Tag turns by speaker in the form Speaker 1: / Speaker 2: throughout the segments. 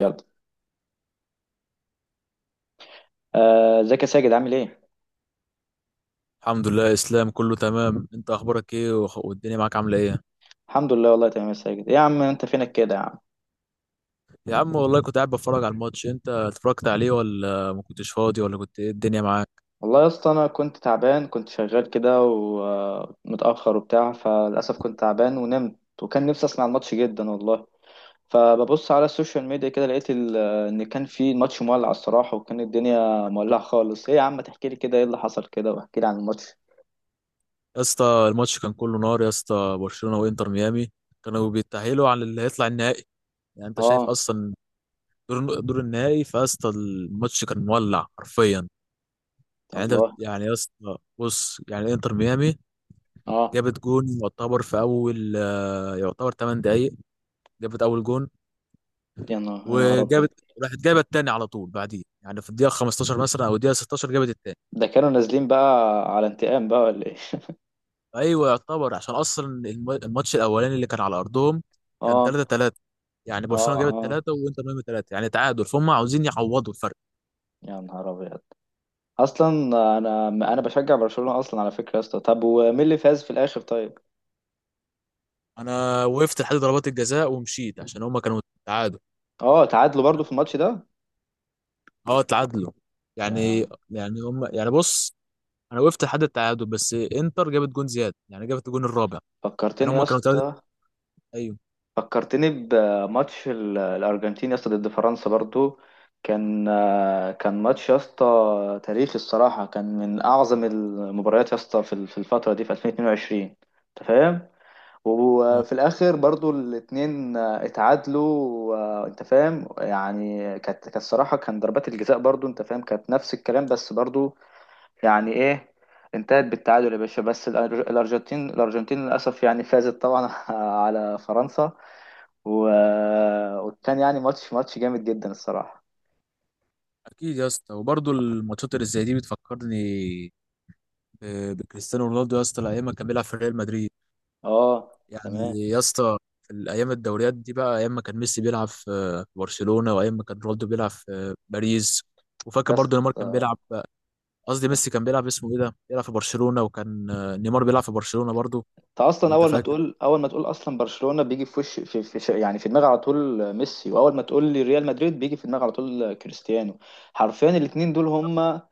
Speaker 1: يلا. ازيك يا ساجد، عامل ايه؟
Speaker 2: الحمد لله يا اسلام، كله تمام. انت اخبارك ايه، والدنيا معاك عامله ايه؟
Speaker 1: الحمد لله، والله تمام يا ساجد. ايه يا عم، انت فينك كده يا عم؟
Speaker 2: يا عم، والله كنت قاعد بتفرج على الماتش. انت اتفرجت عليه ولا ما كنتش فاضي، ولا كنت ايه الدنيا معاك؟
Speaker 1: والله يا اسطى انا كنت تعبان، كنت شغال كده ومتاخر وبتاع، فللاسف كنت تعبان ونمت. وكان نفسي اسمع الماتش جدا والله. فببص على السوشيال ميديا كده لقيت ان كان في ماتش مولع الصراحه، وكان الدنيا مولعه خالص. ايه يا عم، تحكي لي كده ايه اللي حصل كده، واحكي لي عن الماتش.
Speaker 2: يا اسطى الماتش كان كله نار. يا اسطى، برشلونه وانتر ميامي كانوا بيتاهلوا على اللي هيطلع النهائي، يعني انت شايف
Speaker 1: اه.
Speaker 2: اصلا. دور النهائي. فاسطى، الماتش كان مولع حرفيا. يعني انت
Speaker 1: الله.
Speaker 2: يعني يا اسطى، بص، يعني انتر ميامي
Speaker 1: اه.
Speaker 2: جابت جون يعتبر في اول، يعتبر 8 دقايق جابت اول جون.
Speaker 1: يا نهار، يا نهار ابيض.
Speaker 2: وجابت راحت جابت التاني على طول بعديه، يعني في الدقيقه 15 مثلا او الدقيقه 16 جابت التاني.
Speaker 1: ده كانوا نازلين بقى على انتقام بقى ولا ايه؟
Speaker 2: ايوه يعتبر، عشان اصلا الماتش الاولاني اللي كان على ارضهم كان
Speaker 1: اه
Speaker 2: 3-3. يعني
Speaker 1: اه.
Speaker 2: برشلونه جابت
Speaker 1: اه،
Speaker 2: 3 وانتر ميامي 3، يعني تعادل، فهم عاوزين يعوضوا الفرق.
Speaker 1: يا نهار ابيض اصلا. انا بشجع برشلونة اصلا على فكرة يا اسطى. طب ومين اللي فاز في الاخر طيب؟
Speaker 2: انا وقفت لحد ضربات الجزاء ومشيت، عشان هم كانوا تعادل.
Speaker 1: اه، تعادلوا برضو في الماتش ده؟
Speaker 2: اه، تعادلوا. يعني
Speaker 1: يا،
Speaker 2: يعني هم، يعني، بص، انا وقفت لحد التعادل، بس انتر جابت جون زياده، يعني جابت الجون الرابع. يعني
Speaker 1: فكرتني يا
Speaker 2: هم كانوا 3،
Speaker 1: اسطى،
Speaker 2: ايوه.
Speaker 1: فكرتني بماتش الارجنتين يا اسطى ضد فرنسا برضو. كان، كان ماتش يا اسطى تاريخي الصراحة، كان من اعظم المباريات يا اسطى في الفترة دي، في 2022. انت فاهم. وفي الاخر برضو الاتنين اتعادلوا. انت فاهم، يعني كانت الصراحه كان ضربات الجزاء برضو، انت فاهم، كانت نفس الكلام بس برضو. يعني ايه، انتهت بالتعادل يا باشا. بس الارجنتين للاسف يعني فازت طبعا على فرنسا. و... وكان يعني ماتش جامد جدا الصراحه.
Speaker 2: اكيد يا اسطى. وبرضه الماتشات اللي زي دي بتفكرني بكريستيانو رونالدو، يا اسطى الايام ما كان بيلعب في ريال مدريد.
Speaker 1: اه تمام.
Speaker 2: يعني يا اسطى، في الايام الدوريات دي بقى، ايام ما كان ميسي بيلعب في برشلونه، وايام ما كان رونالدو بيلعب في باريس. وفاكر
Speaker 1: يا
Speaker 2: برضو
Speaker 1: اسطى
Speaker 2: نيمار كان بيلعب، قصدي ميسي كان بيلعب، اسمه ايه ده، بيلعب في برشلونه. وكان نيمار بيلعب في برشلونه برضو.
Speaker 1: انت اصلا
Speaker 2: وانت
Speaker 1: اول ما
Speaker 2: فاكر.
Speaker 1: تقول اول ما تقول اصلا برشلونة، بيجي في وش يعني في دماغي على طول ميسي، واول ما تقول لي ريال مدريد بيجي في دماغي على طول كريستيانو. حرفيا الاتنين دول هم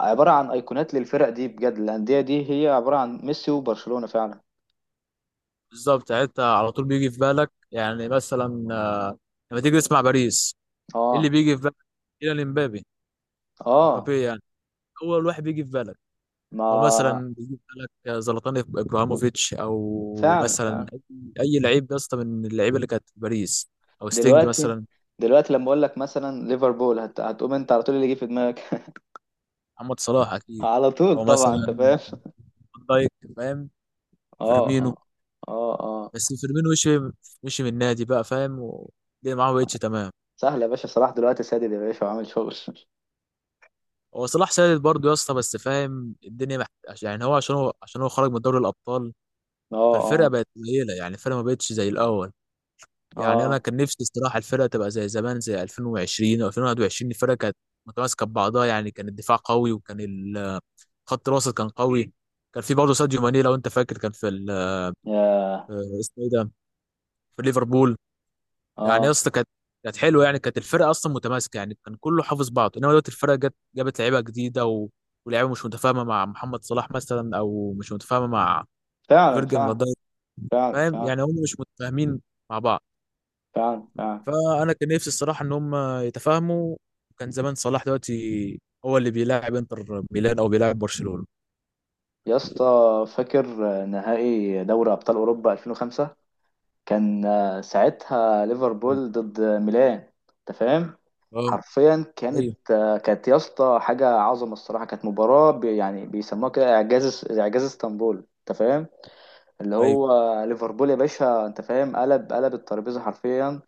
Speaker 1: عبارة عن ايقونات للفرق دي بجد، الاندية دي هي عبارة عن ميسي وبرشلونة فعلا.
Speaker 2: بالظبط، يعني انت على طول بيجي في بالك يعني مثلا، لما تيجي تسمع باريس، ايه اللي
Speaker 1: اه
Speaker 2: بيجي في بالك؟ إلى امبابي.
Speaker 1: اه.
Speaker 2: امبابي، يعني اول واحد بيجي في بالك. او
Speaker 1: ما،
Speaker 2: مثلا يجيب لك زلاتان ابراهيموفيتش، او
Speaker 1: فعلا
Speaker 2: مثلا
Speaker 1: فعلا.
Speaker 2: أي لعيب يا اسطى من اللعيبه اللي كانت في باريس، او ستينج
Speaker 1: دلوقتي
Speaker 2: مثلا.
Speaker 1: دلوقتي لما اقول لك مثلا ليفربول، هتقوم انت على طول، اللي يجي في دماغك
Speaker 2: محمد صلاح اكيد.
Speaker 1: على طول
Speaker 2: او
Speaker 1: طبعا، انت
Speaker 2: مثلا
Speaker 1: فاهم
Speaker 2: فان دايك، فاهم،
Speaker 1: اه
Speaker 2: فيرمينو.
Speaker 1: اه. اه اه.
Speaker 2: بس فيرمينو مشي من النادي بقى، فاهم، والدنيا معاه بقتش تمام.
Speaker 1: سهل يا باشا، صلاح دلوقتي سادد يا باشا وعامل شغل
Speaker 2: هو صلاح سادد برضه يا اسطى، بس فاهم الدنيا يعني هو، عشان هو خرج من دوري الابطال.
Speaker 1: اه
Speaker 2: فالفرقه
Speaker 1: اه.
Speaker 2: بقت قليله، يعني الفرقه ما بقتش زي الاول. يعني انا
Speaker 1: اه
Speaker 2: كان نفسي الصراحه الفرقه تبقى زي زمان، زي 2020 او 2021. الفرقه كانت متماسكه ببعضها، يعني كان الدفاع قوي، وكان خط الوسط كان قوي. كان في برضه ساديو ماني لو انت فاكر. كان في
Speaker 1: يا.
Speaker 2: اسمه ايه ده، في ليفربول. يعني يا
Speaker 1: اه.
Speaker 2: اسطى كانت حلوه، يعني كانت الفرقه اصلا متماسكه، يعني كان كله حافظ بعضه. انما دلوقتي الفرقه جت جابت لعيبه جديده، ولعيبه مش متفاهمه مع محمد صلاح مثلا، او مش متفاهمه مع
Speaker 1: فعلا
Speaker 2: فيرجن فان
Speaker 1: فعلا
Speaker 2: دايك.
Speaker 1: فعلا.
Speaker 2: فاهم؟
Speaker 1: فعلا
Speaker 2: يعني هم مش متفاهمين مع بعض.
Speaker 1: فعلا فعلا.
Speaker 2: فانا كان نفسي الصراحه ان هم يتفاهموا. كان زمان صلاح دلوقتي هو اللي بيلاعب انتر ميلان او بيلاعب برشلونه.
Speaker 1: يا اسطى فاكر نهائي دوري ابطال اوروبا 2005؟ كان ساعتها ليفربول ضد ميلان. انت فاهم.
Speaker 2: اه،
Speaker 1: حرفيا
Speaker 2: ايوه،
Speaker 1: كانت، كانت يا اسطى حاجه عظمه الصراحه، كانت مباراه بي يعني بيسموها كده اعجاز، اعجاز اسطنبول. انت فاهم. اللي
Speaker 2: ايوه،
Speaker 1: هو ليفربول يا باشا، انت فاهم، قلب، قلب الترابيزه حرفيا.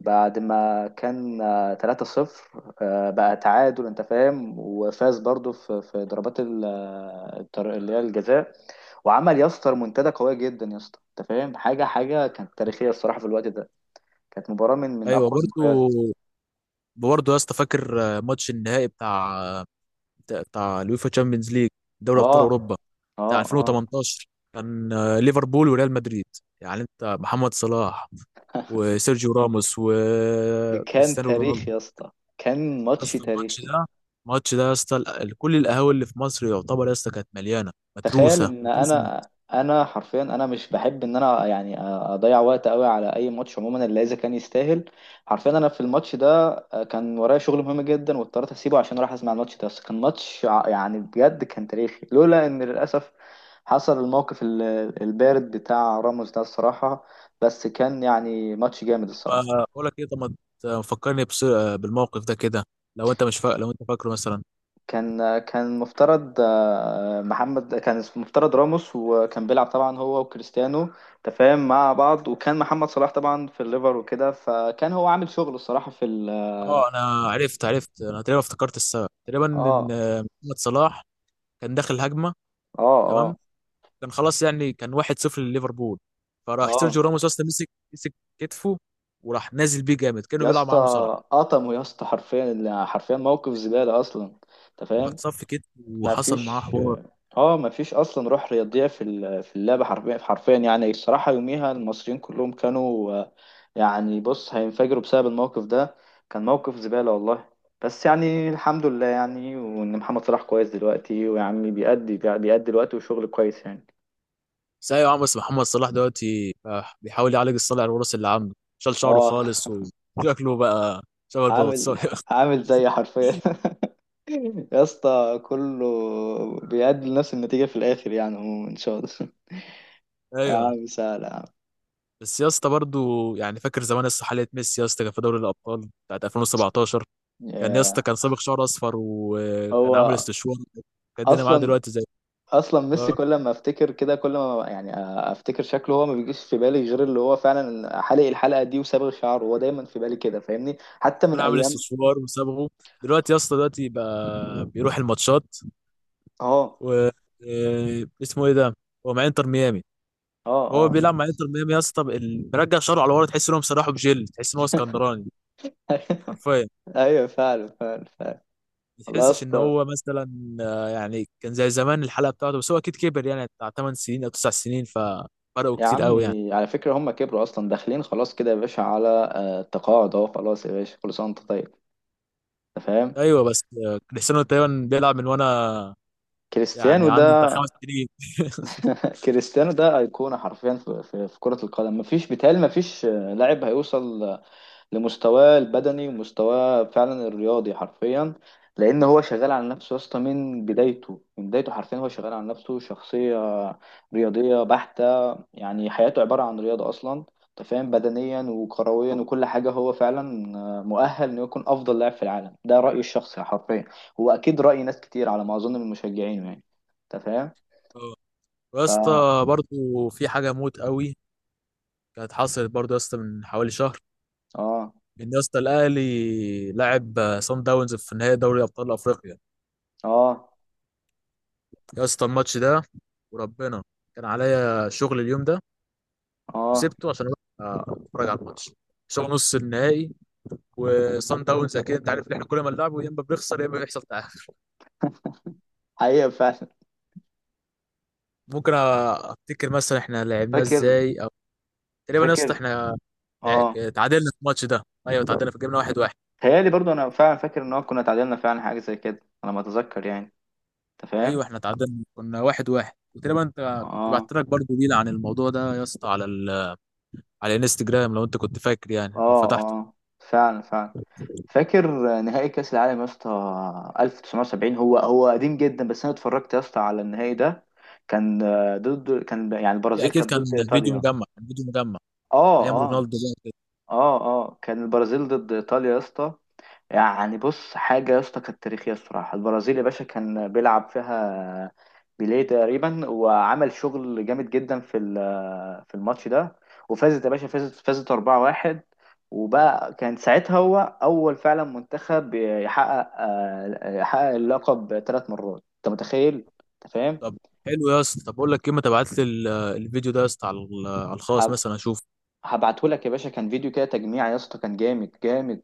Speaker 1: بعد ما كان 3-0، بقى تعادل، انت فاهم، وفاز برضو في ضربات اللي هي الجزاء. وعمل يا اسطى منتدى قويه جدا يا اسطى، انت فاهم، حاجه، حاجه كانت تاريخيه الصراحه في الوقت ده، كانت مباراه من
Speaker 2: ايوه،
Speaker 1: اقوى
Speaker 2: برضو،
Speaker 1: المباريات.
Speaker 2: برضو يا اسطى، فاكر ماتش النهائي بتاع اليوفا تشامبيونز ليج، دوري ابطال
Speaker 1: اه
Speaker 2: اوروبا،
Speaker 1: اه
Speaker 2: بتاع
Speaker 1: اه.
Speaker 2: 2018. كان ليفربول وريال مدريد. يعني انت، محمد صلاح وسيرجيو راموس
Speaker 1: دي كان
Speaker 2: وكريستيانو رونالدو.
Speaker 1: تاريخ يا اسطى، كان ماتش
Speaker 2: اسطى الماتش
Speaker 1: تاريخي.
Speaker 2: ده الماتش ده يا اسطى، كل القهاوي اللي في مصر يعتبر يا اسطى كانت مليانه،
Speaker 1: تخيل
Speaker 2: متروسه
Speaker 1: ان
Speaker 2: متروسه.
Speaker 1: انا حرفيا، انا مش بحب ان انا يعني اضيع وقت قوي على اي ماتش عموما الا اذا كان يستاهل. حرفيا انا في الماتش ده، كان ورايا شغل مهم جدا واضطريت اسيبه عشان اروح اسمع الماتش ده، بس كان ماتش يعني بجد كان تاريخي، لولا ان للاسف حصل الموقف البارد بتاع راموس ده الصراحة. بس كان يعني ماتش جامد
Speaker 2: طب،
Speaker 1: الصراحة.
Speaker 2: بقول لك ايه؟ طب ما فكرني بالموقف ده كده. لو انت مش فا... لو انت فاكره مثلا.
Speaker 1: كان، كان مفترض، محمد، كان اسمه مفترض راموس، وكان بيلعب طبعا هو وكريستيانو تفاهم مع بعض، وكان محمد صلاح طبعا في الليفر وكده، فكان هو عامل شغل الصراحة في ال.
Speaker 2: اه، انا عرفت. انا تقريبا افتكرت السبب تقريبا. ان
Speaker 1: اه
Speaker 2: محمد صلاح كان داخل هجمه.
Speaker 1: اه
Speaker 2: تمام.
Speaker 1: اه
Speaker 2: كان خلاص، يعني كان 1-0 لليفربول. فراح
Speaker 1: اه.
Speaker 2: سيرجيو راموس اصلا مسك كتفه، وراح نازل بيه جامد كانه
Speaker 1: يا
Speaker 2: بيلعب
Speaker 1: اسطى
Speaker 2: معاه مصارعه.
Speaker 1: قطمه يا اسطى، حرفيا حرفيا موقف زبالة اصلا. انت
Speaker 2: ايوه،
Speaker 1: فاهم.
Speaker 2: اتصف كتفه
Speaker 1: ما
Speaker 2: وحصل معاه
Speaker 1: فيش.
Speaker 2: حوار.
Speaker 1: اه مفيش اصلا روح رياضيه في في اللعبه، حرفيا حرفيا يعني. الصراحه يوميها المصريين كلهم كانوا يعني بص هينفجروا بسبب الموقف ده. كان موقف زباله والله. بس يعني الحمد لله يعني، وان محمد صلاح كويس دلوقتي، ويعني بيأدي الوقت وشغل كويس يعني.
Speaker 2: بس ايوه يا عم. بس محمد صلاح دلوقتي بيحاول يعالج الصلع الوراثي اللي عنده، شال شعره
Speaker 1: اه.
Speaker 2: خالص وشكله بقى شبه
Speaker 1: عامل
Speaker 2: البطاطساية
Speaker 1: عامل زي، حرفيا يا اسطى كله بيأدي لنفس النتيجه في الاخر يعني عموما ان شاء الله. يا
Speaker 2: ايوه
Speaker 1: عم سهل يا عم.
Speaker 2: بس يا اسطى برضه، يعني فاكر زمان يا اسطى حالة ميسي؟ يا اسطى كان في دوري الابطال بتاعت 2017. كان يا اسطى
Speaker 1: ياه.
Speaker 2: كان صابغ شعر اصفر وكان عامل
Speaker 1: هو
Speaker 2: استشوار. كان الدنيا معاه
Speaker 1: اصلا،
Speaker 2: دلوقتي زي...
Speaker 1: اصلا ميسي
Speaker 2: اه،
Speaker 1: كل ما افتكر كده، كل ما يعني افتكر شكله هو، ما بيجيش في بالي غير اللي هو فعلا حالق الحلقه دي وصابغ شعره، هو دايما في بالي كده فاهمني، حتى
Speaker 2: كان
Speaker 1: من
Speaker 2: عامل
Speaker 1: ايام.
Speaker 2: استشوار وصابغه. دلوقتي يا اسطى، دلوقتي بقى بيروح الماتشات
Speaker 1: اه
Speaker 2: و اسمه ايه ده، هو مع انتر ميامي.
Speaker 1: اه
Speaker 2: وهو
Speaker 1: اه.
Speaker 2: بيلعب مع انتر ميامي يا اسطى، مرجع شعره على ورا، تحس ان هو مسرحه بجل، تحس ان هو اسكندراني حرفيا.
Speaker 1: ايوه فعلا فعلا فعلا.
Speaker 2: ما
Speaker 1: والله يا
Speaker 2: تحسش ان
Speaker 1: اسطى.
Speaker 2: هو مثلا يعني كان زي زمان الحلقه بتاعته، بس هو اكيد كبر. يعني بتاع 8 سنين او 9 سنين، ففرقوا
Speaker 1: يا
Speaker 2: كتير قوي يعني.
Speaker 1: عمي على فكره هم كبروا اصلا، داخلين خلاص كده يا باشا على التقاعد اهو، خلاص يا باشا، كل سنه وانت طيب. انت فاهم.
Speaker 2: ايوه. بس كريستيانو تقريبا بيلعب من وانا
Speaker 1: كريستيانو
Speaker 2: يعني عندي بتاع
Speaker 1: ده،
Speaker 2: خمس سنين
Speaker 1: كريستيانو ده ايقونه حرفيا في, في, في كره القدم. مفيش، بيتهيألي مفيش لاعب هيوصل لمستواه البدني ومستواه فعلا الرياضي حرفيا. لان هو شغال على نفسه يا اسطى من بدايته، حرفيا هو شغال على نفسه، شخصيه رياضيه بحته، يعني حياته عباره عن رياضه اصلا. انت فاهم، بدنيا وكرويا وكل حاجه، هو فعلا مؤهل انه يكون افضل لاعب في العالم. ده رايي الشخصي حرفيا، هو اكيد راي ناس كتير على ما اظن من مشجعينه يعني. انت فاهم.
Speaker 2: آه. ويا اسطى برضه في حاجه موت قوي، كانت حصلت برضه يا اسطى من حوالي شهر.
Speaker 1: اه
Speaker 2: ان يا اسطى الاهلي لعب صن داونز في نهائي دوري ابطال افريقيا.
Speaker 1: اه
Speaker 2: يا اسطى الماتش ده، وربنا كان عليا شغل اليوم ده،
Speaker 1: اه.
Speaker 2: وسبته عشان اروح اتفرج على الماتش، شغل نص النهائي. وصن داونز اكيد انت عارف ان احنا كل ما نلعبه يا اما بنخسر يا اما بيحصل تعادل.
Speaker 1: حقيقه فعلا.
Speaker 2: ممكن افتكر مثلا احنا لعبناه
Speaker 1: فاكر،
Speaker 2: ازاي. او تقريبا يا اسطى
Speaker 1: فاكر.
Speaker 2: احنا
Speaker 1: اه.
Speaker 2: لع- تعادلنا في الماتش ده. ايوه، تعادلنا، في، جبنا واحد واحد.
Speaker 1: تهيألي برضو انا فعلا فاكر ان هو كنا اتعادلنا فعلا حاجه زي كده على ما اتذكر يعني. انت فاهم.
Speaker 2: ايوه احنا تعادلنا كنا واحد واحد. وتقريبا انت كنت
Speaker 1: اه
Speaker 2: بعت لك برضه ريل عن الموضوع ده يا اسطى على الانستجرام، لو انت كنت فاكر يعني، او
Speaker 1: اه
Speaker 2: فتحته.
Speaker 1: اه. فعلا فعلا. فاكر نهائي كاس العالم يا اسطى 1970. هو، هو قديم جدا بس انا اتفرجت يا اسطى على النهائي ده. كان، ضد، كان يعني البرازيل
Speaker 2: اكيد.
Speaker 1: كانت
Speaker 2: كان
Speaker 1: ضد
Speaker 2: فيديو
Speaker 1: ايطاليا.
Speaker 2: مجمع كان فيديو مجمع
Speaker 1: اه
Speaker 2: ايام
Speaker 1: اه.
Speaker 2: رونالدو.
Speaker 1: اه اه. كان البرازيل ضد ايطاليا يا اسطى. يعني بص حاجة يا اسطى كانت تاريخية الصراحة. البرازيل يا باشا كان بيلعب فيها بيليه تقريبا، وعمل شغل جامد جدا في في الماتش ده. وفازت يا باشا، فازت 4-1. وبقى كان ساعتها هو أول فعلا منتخب يحقق، يحقق اللقب 3 مرات. أنت متخيل؟ أنت فاهم؟
Speaker 2: طب حلو يا اسطى. طب اقول لك ايه، ما تبعت لي الفيديو ده يا اسطى على الخاص
Speaker 1: هب-
Speaker 2: مثلا اشوف.
Speaker 1: هبعتهولك يا باشا، كان فيديو كده تجميع يا اسطى، كان جامد، جامد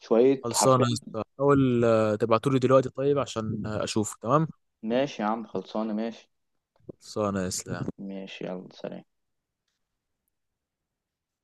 Speaker 1: شوية
Speaker 2: خلصانه
Speaker 1: حرفيا.
Speaker 2: يا اسطى، حاول تبعته لي دلوقتي طيب، عشان اشوفه. تمام،
Speaker 1: ماشي يا عم، خلصانة ماشي.
Speaker 2: خلصانه يا اسطى.
Speaker 1: ماشي، يلا سلام.